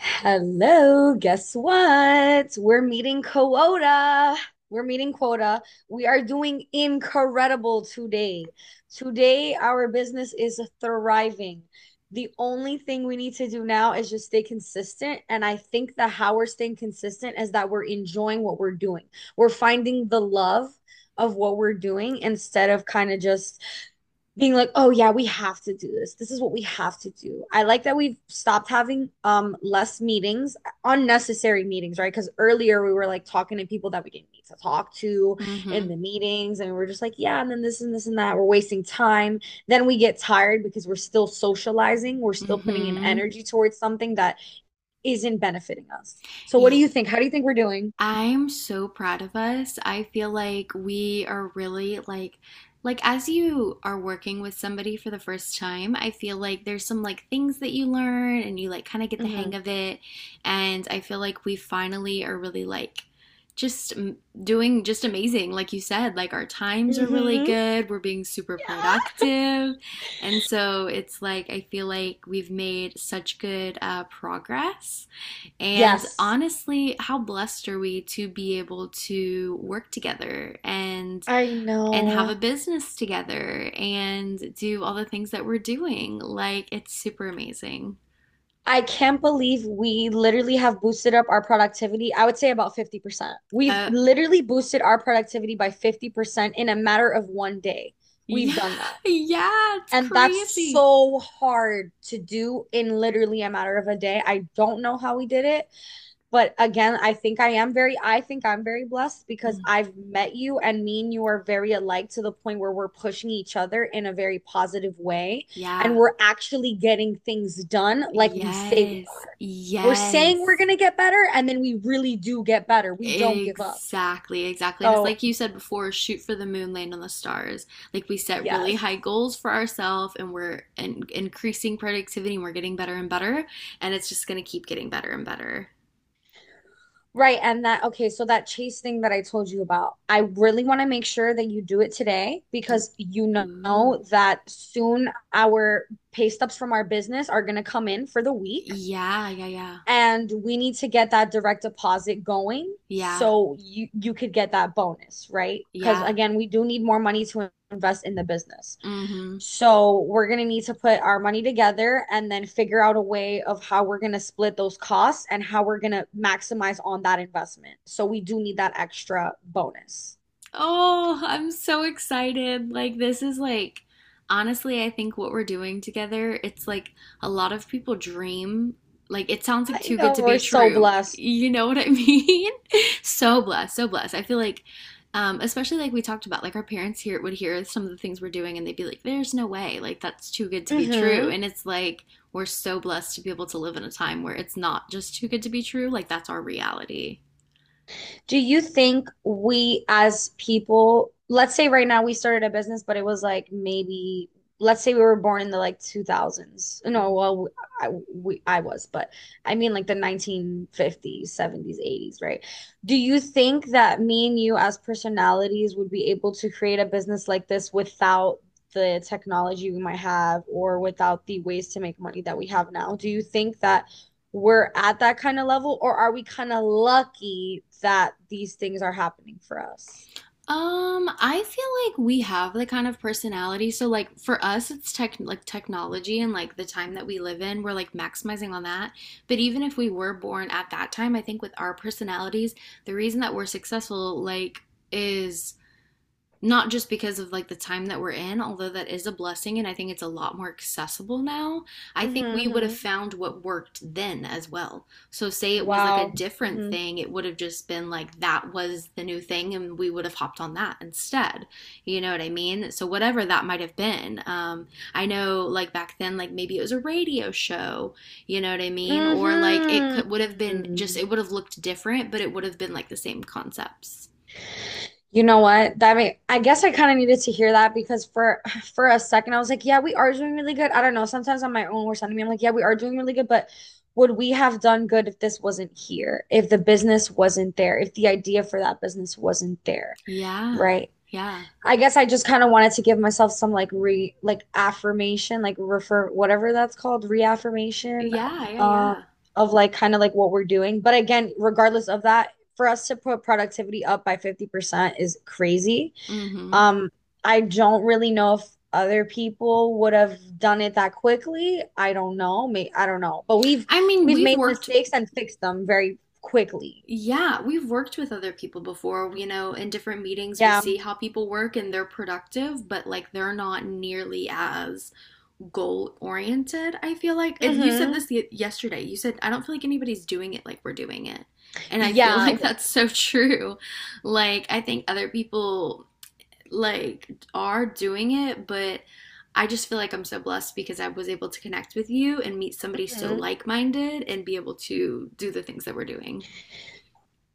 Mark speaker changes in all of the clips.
Speaker 1: Hello, guess what? We're meeting quota. We're meeting quota. We are doing incredible today. Today, our business is thriving. The only thing we need to do now is just stay consistent. And I think that how we're staying consistent is that we're enjoying what we're doing. We're finding the love of what we're doing instead of kind of just being like, oh yeah, we have to do this. This is what we have to do. I like that we've stopped having less meetings, unnecessary meetings, right? Because earlier we were like talking to people that we didn't need to talk to in
Speaker 2: Mhm.
Speaker 1: the meetings, and we are just like, yeah, and then this and this and that. We're wasting time. Then we get tired because we're still socializing, we're still putting in
Speaker 2: Mhm.
Speaker 1: energy towards something that isn't benefiting us. So what do
Speaker 2: Y-
Speaker 1: you think? How do you think we're doing?
Speaker 2: I'm so proud of us. I feel like we are really like as you are working with somebody for the first time, I feel like there's some like things that you learn and you like kind of get the hang
Speaker 1: Mm-hmm.
Speaker 2: of it. And I feel like we finally are really like just m- doing just amazing like you said, like our times are really
Speaker 1: Mm-hmm.
Speaker 2: good, we're being super
Speaker 1: Yeah.
Speaker 2: productive, and so it's like I feel like we've made such good progress. And
Speaker 1: Yes.
Speaker 2: honestly, how blessed are we to be able to work together and
Speaker 1: I
Speaker 2: have
Speaker 1: know.
Speaker 2: a business together and do all the things that we're doing? Like, it's super amazing.
Speaker 1: I can't believe we literally have boosted up our productivity. I would say about 50%. We've
Speaker 2: Uh
Speaker 1: literally boosted our productivity by 50% in a matter of one day. We've
Speaker 2: yeah,
Speaker 1: done that.
Speaker 2: yeah, it's
Speaker 1: And that's
Speaker 2: crazy.
Speaker 1: so hard to do in literally a matter of a day. I don't know how we did it, but again, I think I'm very blessed because
Speaker 2: Mm,
Speaker 1: I've met you and me and you are very alike to the point where we're pushing each other in a very positive way and
Speaker 2: yeah.
Speaker 1: we're actually getting things done like
Speaker 2: Yes.
Speaker 1: we're saying we're
Speaker 2: Yes.
Speaker 1: going to get better, and then we really do get better. We don't give up.
Speaker 2: Exactly, exactly. And it's
Speaker 1: So,
Speaker 2: like you said before, shoot for the moon, land on the stars. Like, we set really
Speaker 1: yes.
Speaker 2: high goals for ourselves and we're increasing productivity and we're getting better and better. And it's just going to keep getting better and better.
Speaker 1: Right. And that, okay, so that chase thing that I told you about, I really want to make sure that you do it today because you
Speaker 2: Ooh.
Speaker 1: know that soon our pay stubs from our business are going to come in for the week
Speaker 2: Yeah, yeah, yeah.
Speaker 1: and we need to get that direct deposit going
Speaker 2: Yeah,
Speaker 1: so you could get that bonus, right? Because
Speaker 2: yeah.
Speaker 1: again, we do need more money to invest in the business.
Speaker 2: Mm-hmm.
Speaker 1: So we're going to need to put our money together and then figure out a way of how we're going to split those costs and how we're going to maximize on that investment. So we do need that extra bonus.
Speaker 2: Oh, I'm so excited. Like, this is like, honestly, I think what we're doing together, it's like a lot of people dream. Like, it sounds like
Speaker 1: I
Speaker 2: too good
Speaker 1: know
Speaker 2: to be
Speaker 1: we're so
Speaker 2: true.
Speaker 1: blessed.
Speaker 2: You know what I mean? So blessed, so blessed. I feel like, especially like we talked about, like our parents here would hear some of the things we're doing and they'd be like, there's no way. Like, that's too good to be true.
Speaker 1: Hmm.
Speaker 2: And it's like, we're so blessed to be able to live in a time where it's not just too good to be true. Like, that's our reality.
Speaker 1: Do you think we as people, let's say right now we started a business, but it was like maybe, let's say we were born in the like 2000s. No,
Speaker 2: Mhm.
Speaker 1: well, I was, but I mean like the 1950s, 70s, 80s, right? Do you think that me and you as personalities would be able to create a business like this without the technology we might have or without the ways to make money that we have now? Do you think that we're at that kind of level or are we kind of lucky that these things are happening for us?
Speaker 2: I feel like we have the kind of personality. So like for us, it's technology and like the time that we live in, we're like maximizing on that. But even if we were born at that time, I think with our personalities, the reason that we're successful like is not just because of like the time that we're in, although that is a blessing, and I think it's a lot more accessible now. I
Speaker 1: Mm-hmm,
Speaker 2: think we would have
Speaker 1: mm-hmm.
Speaker 2: found what worked then as well. So, say it was like a
Speaker 1: Wow.
Speaker 2: different
Speaker 1: Mm-hmm.
Speaker 2: thing, it would have just been like that was the new thing, and we would have hopped on that instead. You know what I mean? So, whatever that might have been, I know like back then, like maybe it was a radio show, you know what I mean? Or like it could would have been just,
Speaker 1: Mm-hmm.
Speaker 2: it would have looked different, but it would have been like the same concepts.
Speaker 1: You know what, that may I guess I kind of needed to hear that because for a second I was like, yeah, we are doing really good. I don't know, sometimes on my own worst enemy, I'm like, yeah, we are doing really good, but would we have done good if this wasn't here, if the business wasn't there, if the idea for that business wasn't there,
Speaker 2: Yeah,
Speaker 1: right?
Speaker 2: yeah.
Speaker 1: I guess I just kind of wanted to give myself some like re like affirmation, like refer whatever that's called, reaffirmation
Speaker 2: Yeah, yeah,
Speaker 1: um
Speaker 2: yeah.
Speaker 1: of like kind of like what we're doing. But again, regardless of that, for us to put productivity up by 50% is crazy.
Speaker 2: Mm-hmm.
Speaker 1: Um I don't really know if other people would have done it that quickly. I don't know. May I don't know. But we've
Speaker 2: I mean,
Speaker 1: we've
Speaker 2: we've
Speaker 1: made
Speaker 2: worked,
Speaker 1: mistakes and fixed them very quickly.
Speaker 2: yeah, we've worked with other people before. You know, in different meetings, we
Speaker 1: Yeah.
Speaker 2: see how people work and they're productive, but like they're not nearly as goal oriented. I feel like it, you said
Speaker 1: Hmm.
Speaker 2: this yesterday. You said, I don't feel like anybody's doing it like we're doing it. And I feel
Speaker 1: Yeah.
Speaker 2: like that's so true. Like, I think other people like are doing it, but I just feel like I'm so blessed because I was able to connect with you and meet somebody so
Speaker 1: Hmm.
Speaker 2: like minded and be able to do the things that we're doing.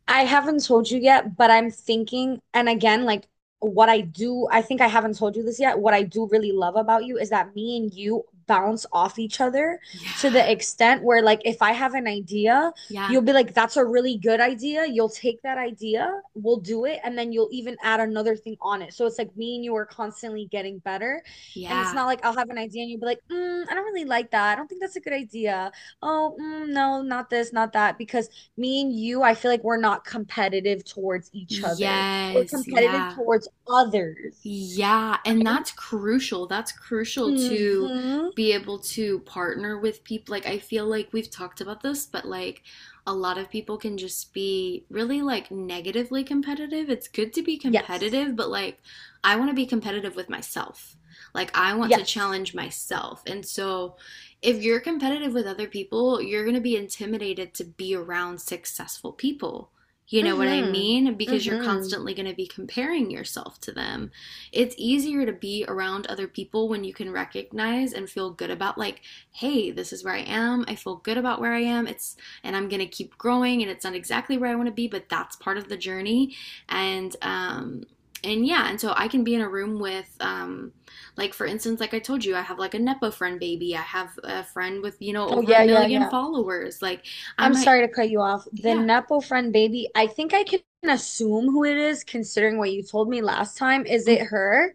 Speaker 1: I haven't told you yet, but I'm thinking, and again, like what I do, I think I haven't told you this yet. What I do really love about you is that me and you bounce off each other to
Speaker 2: Yeah.
Speaker 1: the extent where, like, if I have an idea,
Speaker 2: Yeah.
Speaker 1: you'll be like, that's a really good idea. You'll take that idea, we'll do it, and then you'll even add another thing on it. So it's like me and you are constantly getting better. And it's
Speaker 2: Yeah.
Speaker 1: not like I'll have an idea and you'll be like, mm, I don't really like that. I don't think that's a good idea. Oh, mm, no, not this, not that. Because me and you, I feel like we're not competitive towards each other. We're
Speaker 2: Yes.
Speaker 1: competitive
Speaker 2: Yeah.
Speaker 1: towards others,
Speaker 2: Yeah, and
Speaker 1: right?
Speaker 2: that's crucial. That's crucial to
Speaker 1: Mm-hmm.
Speaker 2: be able to partner with people. Like, I feel like we've talked about this, but like a lot of people can just be really like negatively competitive. It's good to be
Speaker 1: Yes.
Speaker 2: competitive, but like I want to be competitive with myself. Like, I want to
Speaker 1: Yes.
Speaker 2: challenge myself. And so, if you're competitive with other people, you're going to be intimidated to be around successful people. You know what I
Speaker 1: Mm-hmm.
Speaker 2: mean? Because you're
Speaker 1: Mm-hmm.
Speaker 2: constantly going to be comparing yourself to them. It's easier to be around other people when you can recognize and feel good about like, hey, this is where I am. I feel good about where I am. It's and I'm gonna keep growing, and it's not exactly where I want to be, but that's part of the journey. And and yeah, and so I can be in a room with like, for instance, like I told you, I have like a nepo friend baby. I have a friend with, you know,
Speaker 1: Oh
Speaker 2: over a
Speaker 1: yeah, yeah,
Speaker 2: million
Speaker 1: yeah.
Speaker 2: followers, like I
Speaker 1: I'm
Speaker 2: might,
Speaker 1: sorry to cut you off. The
Speaker 2: yeah.
Speaker 1: Nepo friend baby, I think I can assume who it is considering what you told me last time. Is
Speaker 2: Mm.
Speaker 1: it her?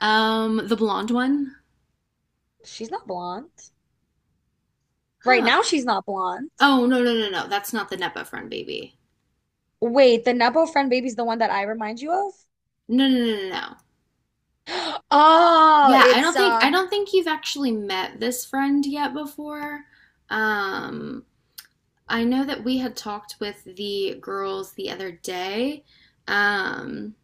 Speaker 2: Um, the blonde one.
Speaker 1: She's not blonde. Right
Speaker 2: Huh?
Speaker 1: now she's not blonde.
Speaker 2: Oh, no, no, no, no, that's not the nepo friend baby.
Speaker 1: Wait, the Nepo friend baby's the one that I remind you of?
Speaker 2: No, no, no, no, no.
Speaker 1: Oh,
Speaker 2: Yeah, I
Speaker 1: it's
Speaker 2: don't think, I don't think you've actually met this friend yet before. Um, I know that we had talked with the girls the other day. Um,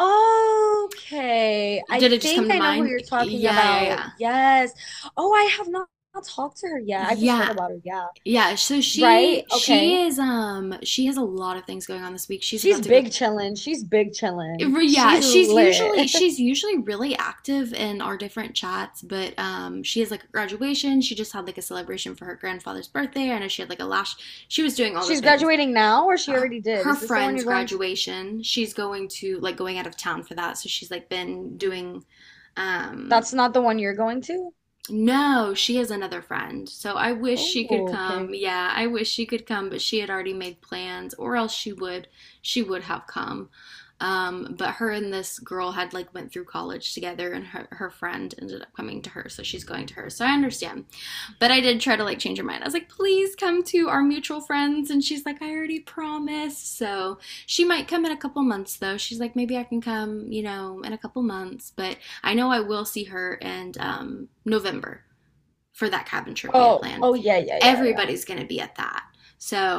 Speaker 1: okay. I
Speaker 2: did it just come
Speaker 1: think
Speaker 2: to
Speaker 1: I know who
Speaker 2: mind?
Speaker 1: you're talking
Speaker 2: Yeah, yeah,
Speaker 1: about.
Speaker 2: yeah.
Speaker 1: Yes. Oh, I have not talked to her yet. I've just heard
Speaker 2: Yeah.
Speaker 1: about her. Yeah.
Speaker 2: Yeah, so
Speaker 1: Right? Okay.
Speaker 2: she is, um, she has a lot of things going on this week. She's
Speaker 1: She's
Speaker 2: about to go.
Speaker 1: big chillin'. She's big chillin'.
Speaker 2: Yeah,
Speaker 1: She's lit.
Speaker 2: she's usually really active in our different chats, but um, she has like a graduation, she just had like a celebration for her grandfather's birthday, I know she had like a lash, she was doing all the
Speaker 1: She's
Speaker 2: things.
Speaker 1: graduating now, or she already did?
Speaker 2: Her
Speaker 1: Is this the one
Speaker 2: friend's
Speaker 1: you're going to?
Speaker 2: graduation, she's going to, like, going out of town for that, so she's like been doing, um,
Speaker 1: That's not the one you're going to?
Speaker 2: no, she has another friend. So I wish
Speaker 1: Oh,
Speaker 2: she could
Speaker 1: okay.
Speaker 2: come. Yeah, I wish she could come, but she had already made plans or else she would, she would have come. But her and this girl had like went through college together and her friend ended up coming to her, so she's going to her. So I understand. But I did try to like change her mind. I was like, please come to our mutual friends, and she's like, I already promised. So she might come in a couple months though. She's like, maybe I can come, you know, in a couple months, but I know I will see her in November for that cabin trip we had
Speaker 1: Oh,
Speaker 2: planned.
Speaker 1: oh yeah, yeah, yeah, yeah.
Speaker 2: Everybody's going to be at that.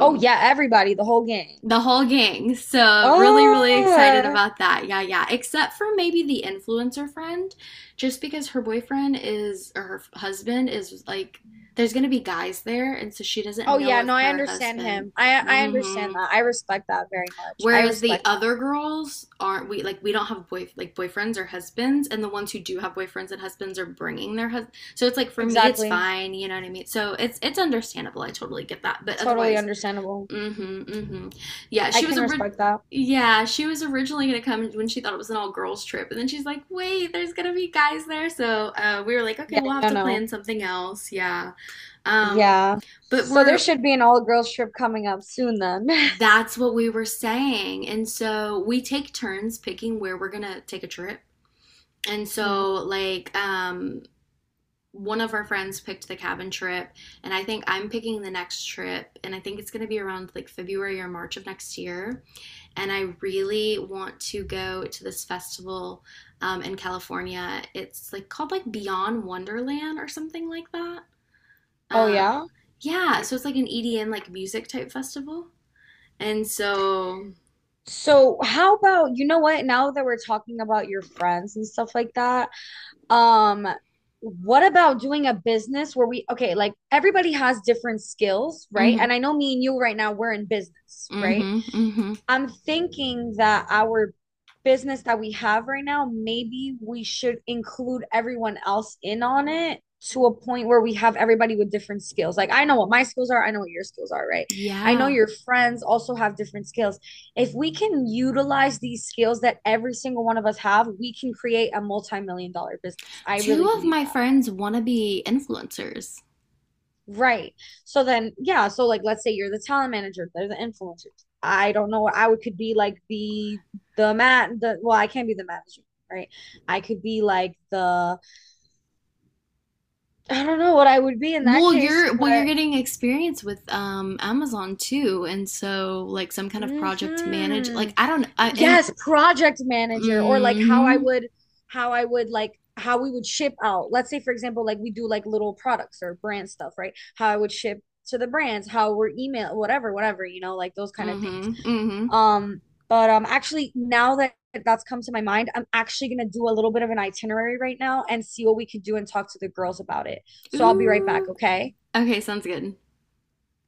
Speaker 1: Oh yeah, everybody, the whole gang.
Speaker 2: the whole gang. So really, really excited
Speaker 1: Oh.
Speaker 2: about that. Yeah, yeah. Except for maybe the influencer friend, just because her boyfriend is or her husband is like there's gonna be guys there, and so she doesn't
Speaker 1: Oh
Speaker 2: know
Speaker 1: yeah,
Speaker 2: if
Speaker 1: no, I
Speaker 2: her
Speaker 1: understand
Speaker 2: husband.
Speaker 1: him. I understand
Speaker 2: Hmm.
Speaker 1: that. I respect that very much. I
Speaker 2: Whereas the
Speaker 1: respect.
Speaker 2: other girls aren't, we like, we don't have boy like boyfriends or husbands, and the ones who do have boyfriends and husbands are bringing their husband. So it's like for me, it's
Speaker 1: Exactly.
Speaker 2: fine, you know what I mean. So it's understandable. I totally get that. But
Speaker 1: Totally
Speaker 2: otherwise,
Speaker 1: understandable.
Speaker 2: mm-hmm, mm-hmm. Yeah,
Speaker 1: I
Speaker 2: she was
Speaker 1: can
Speaker 2: a.
Speaker 1: respect that.
Speaker 2: Yeah, she was originally gonna come when she thought it was an all girls trip, and then she's like, "Wait, there's gonna be guys there." So we were like, "Okay,
Speaker 1: Yeah,
Speaker 2: we'll have
Speaker 1: no,
Speaker 2: to
Speaker 1: no.
Speaker 2: plan something else." Yeah, um,
Speaker 1: Yeah.
Speaker 2: but
Speaker 1: So there
Speaker 2: we're
Speaker 1: should be an all-girls trip coming up soon then.
Speaker 2: that's what we were saying. And so we take turns picking where we're gonna take a trip. And
Speaker 1: Mhm.
Speaker 2: so like, um, one of our friends picked the cabin trip, and I think I'm picking the next trip, and I think it's going to be around like February or March of next year, and I really want to go to this festival, in California. It's like called like Beyond Wonderland or something like that.
Speaker 1: Oh
Speaker 2: uh
Speaker 1: yeah.
Speaker 2: yeah, so it's like an EDM like music type festival, and so
Speaker 1: So how about, you know what, now that we're talking about your friends and stuff like that, um, what about doing a business where we okay, like everybody has different skills, right? And
Speaker 2: mhm.
Speaker 1: I know me and you right now, we're in business, right?
Speaker 2: Mm-hmm. Mm-hmm.
Speaker 1: I'm thinking that our business that we have right now, maybe we should include everyone else in on it to a point where we have everybody with different skills. Like I know what my skills are, I know what your skills are, right? I know
Speaker 2: Yeah.
Speaker 1: your friends also have different skills. If we can utilize these skills that every single one of us have, we can create a multi-million dollar business. I
Speaker 2: Two
Speaker 1: really
Speaker 2: of
Speaker 1: believe
Speaker 2: my
Speaker 1: that.
Speaker 2: friends want to be influencers.
Speaker 1: Right. So then, yeah. So like, let's say you're the talent manager, they're the influencers. I don't know. I would could be like the man. The well, I can't be the manager, right? I could be like the I don't know what I would be in that case,
Speaker 2: Well, you're
Speaker 1: but
Speaker 2: getting experience with um, Amazon too, and so like some kind of project manage.
Speaker 1: hmm,
Speaker 2: Like I don't. I, and
Speaker 1: yes, project manager or like
Speaker 2: mm-hmm.
Speaker 1: how we would ship out. Let's say, for example, like we do like little products or brand stuff, right? How I would ship to the brands, how we're email, whatever, whatever, you know, like those kind of things.
Speaker 2: Mm-hmm. Mm-hmm.
Speaker 1: Um, but actually, now that that's come to my mind, I'm actually gonna do a little bit of an itinerary right now and see what we could do and talk to the girls about it. So I'll be right back,
Speaker 2: Ooh.
Speaker 1: okay?
Speaker 2: Okay, sounds good.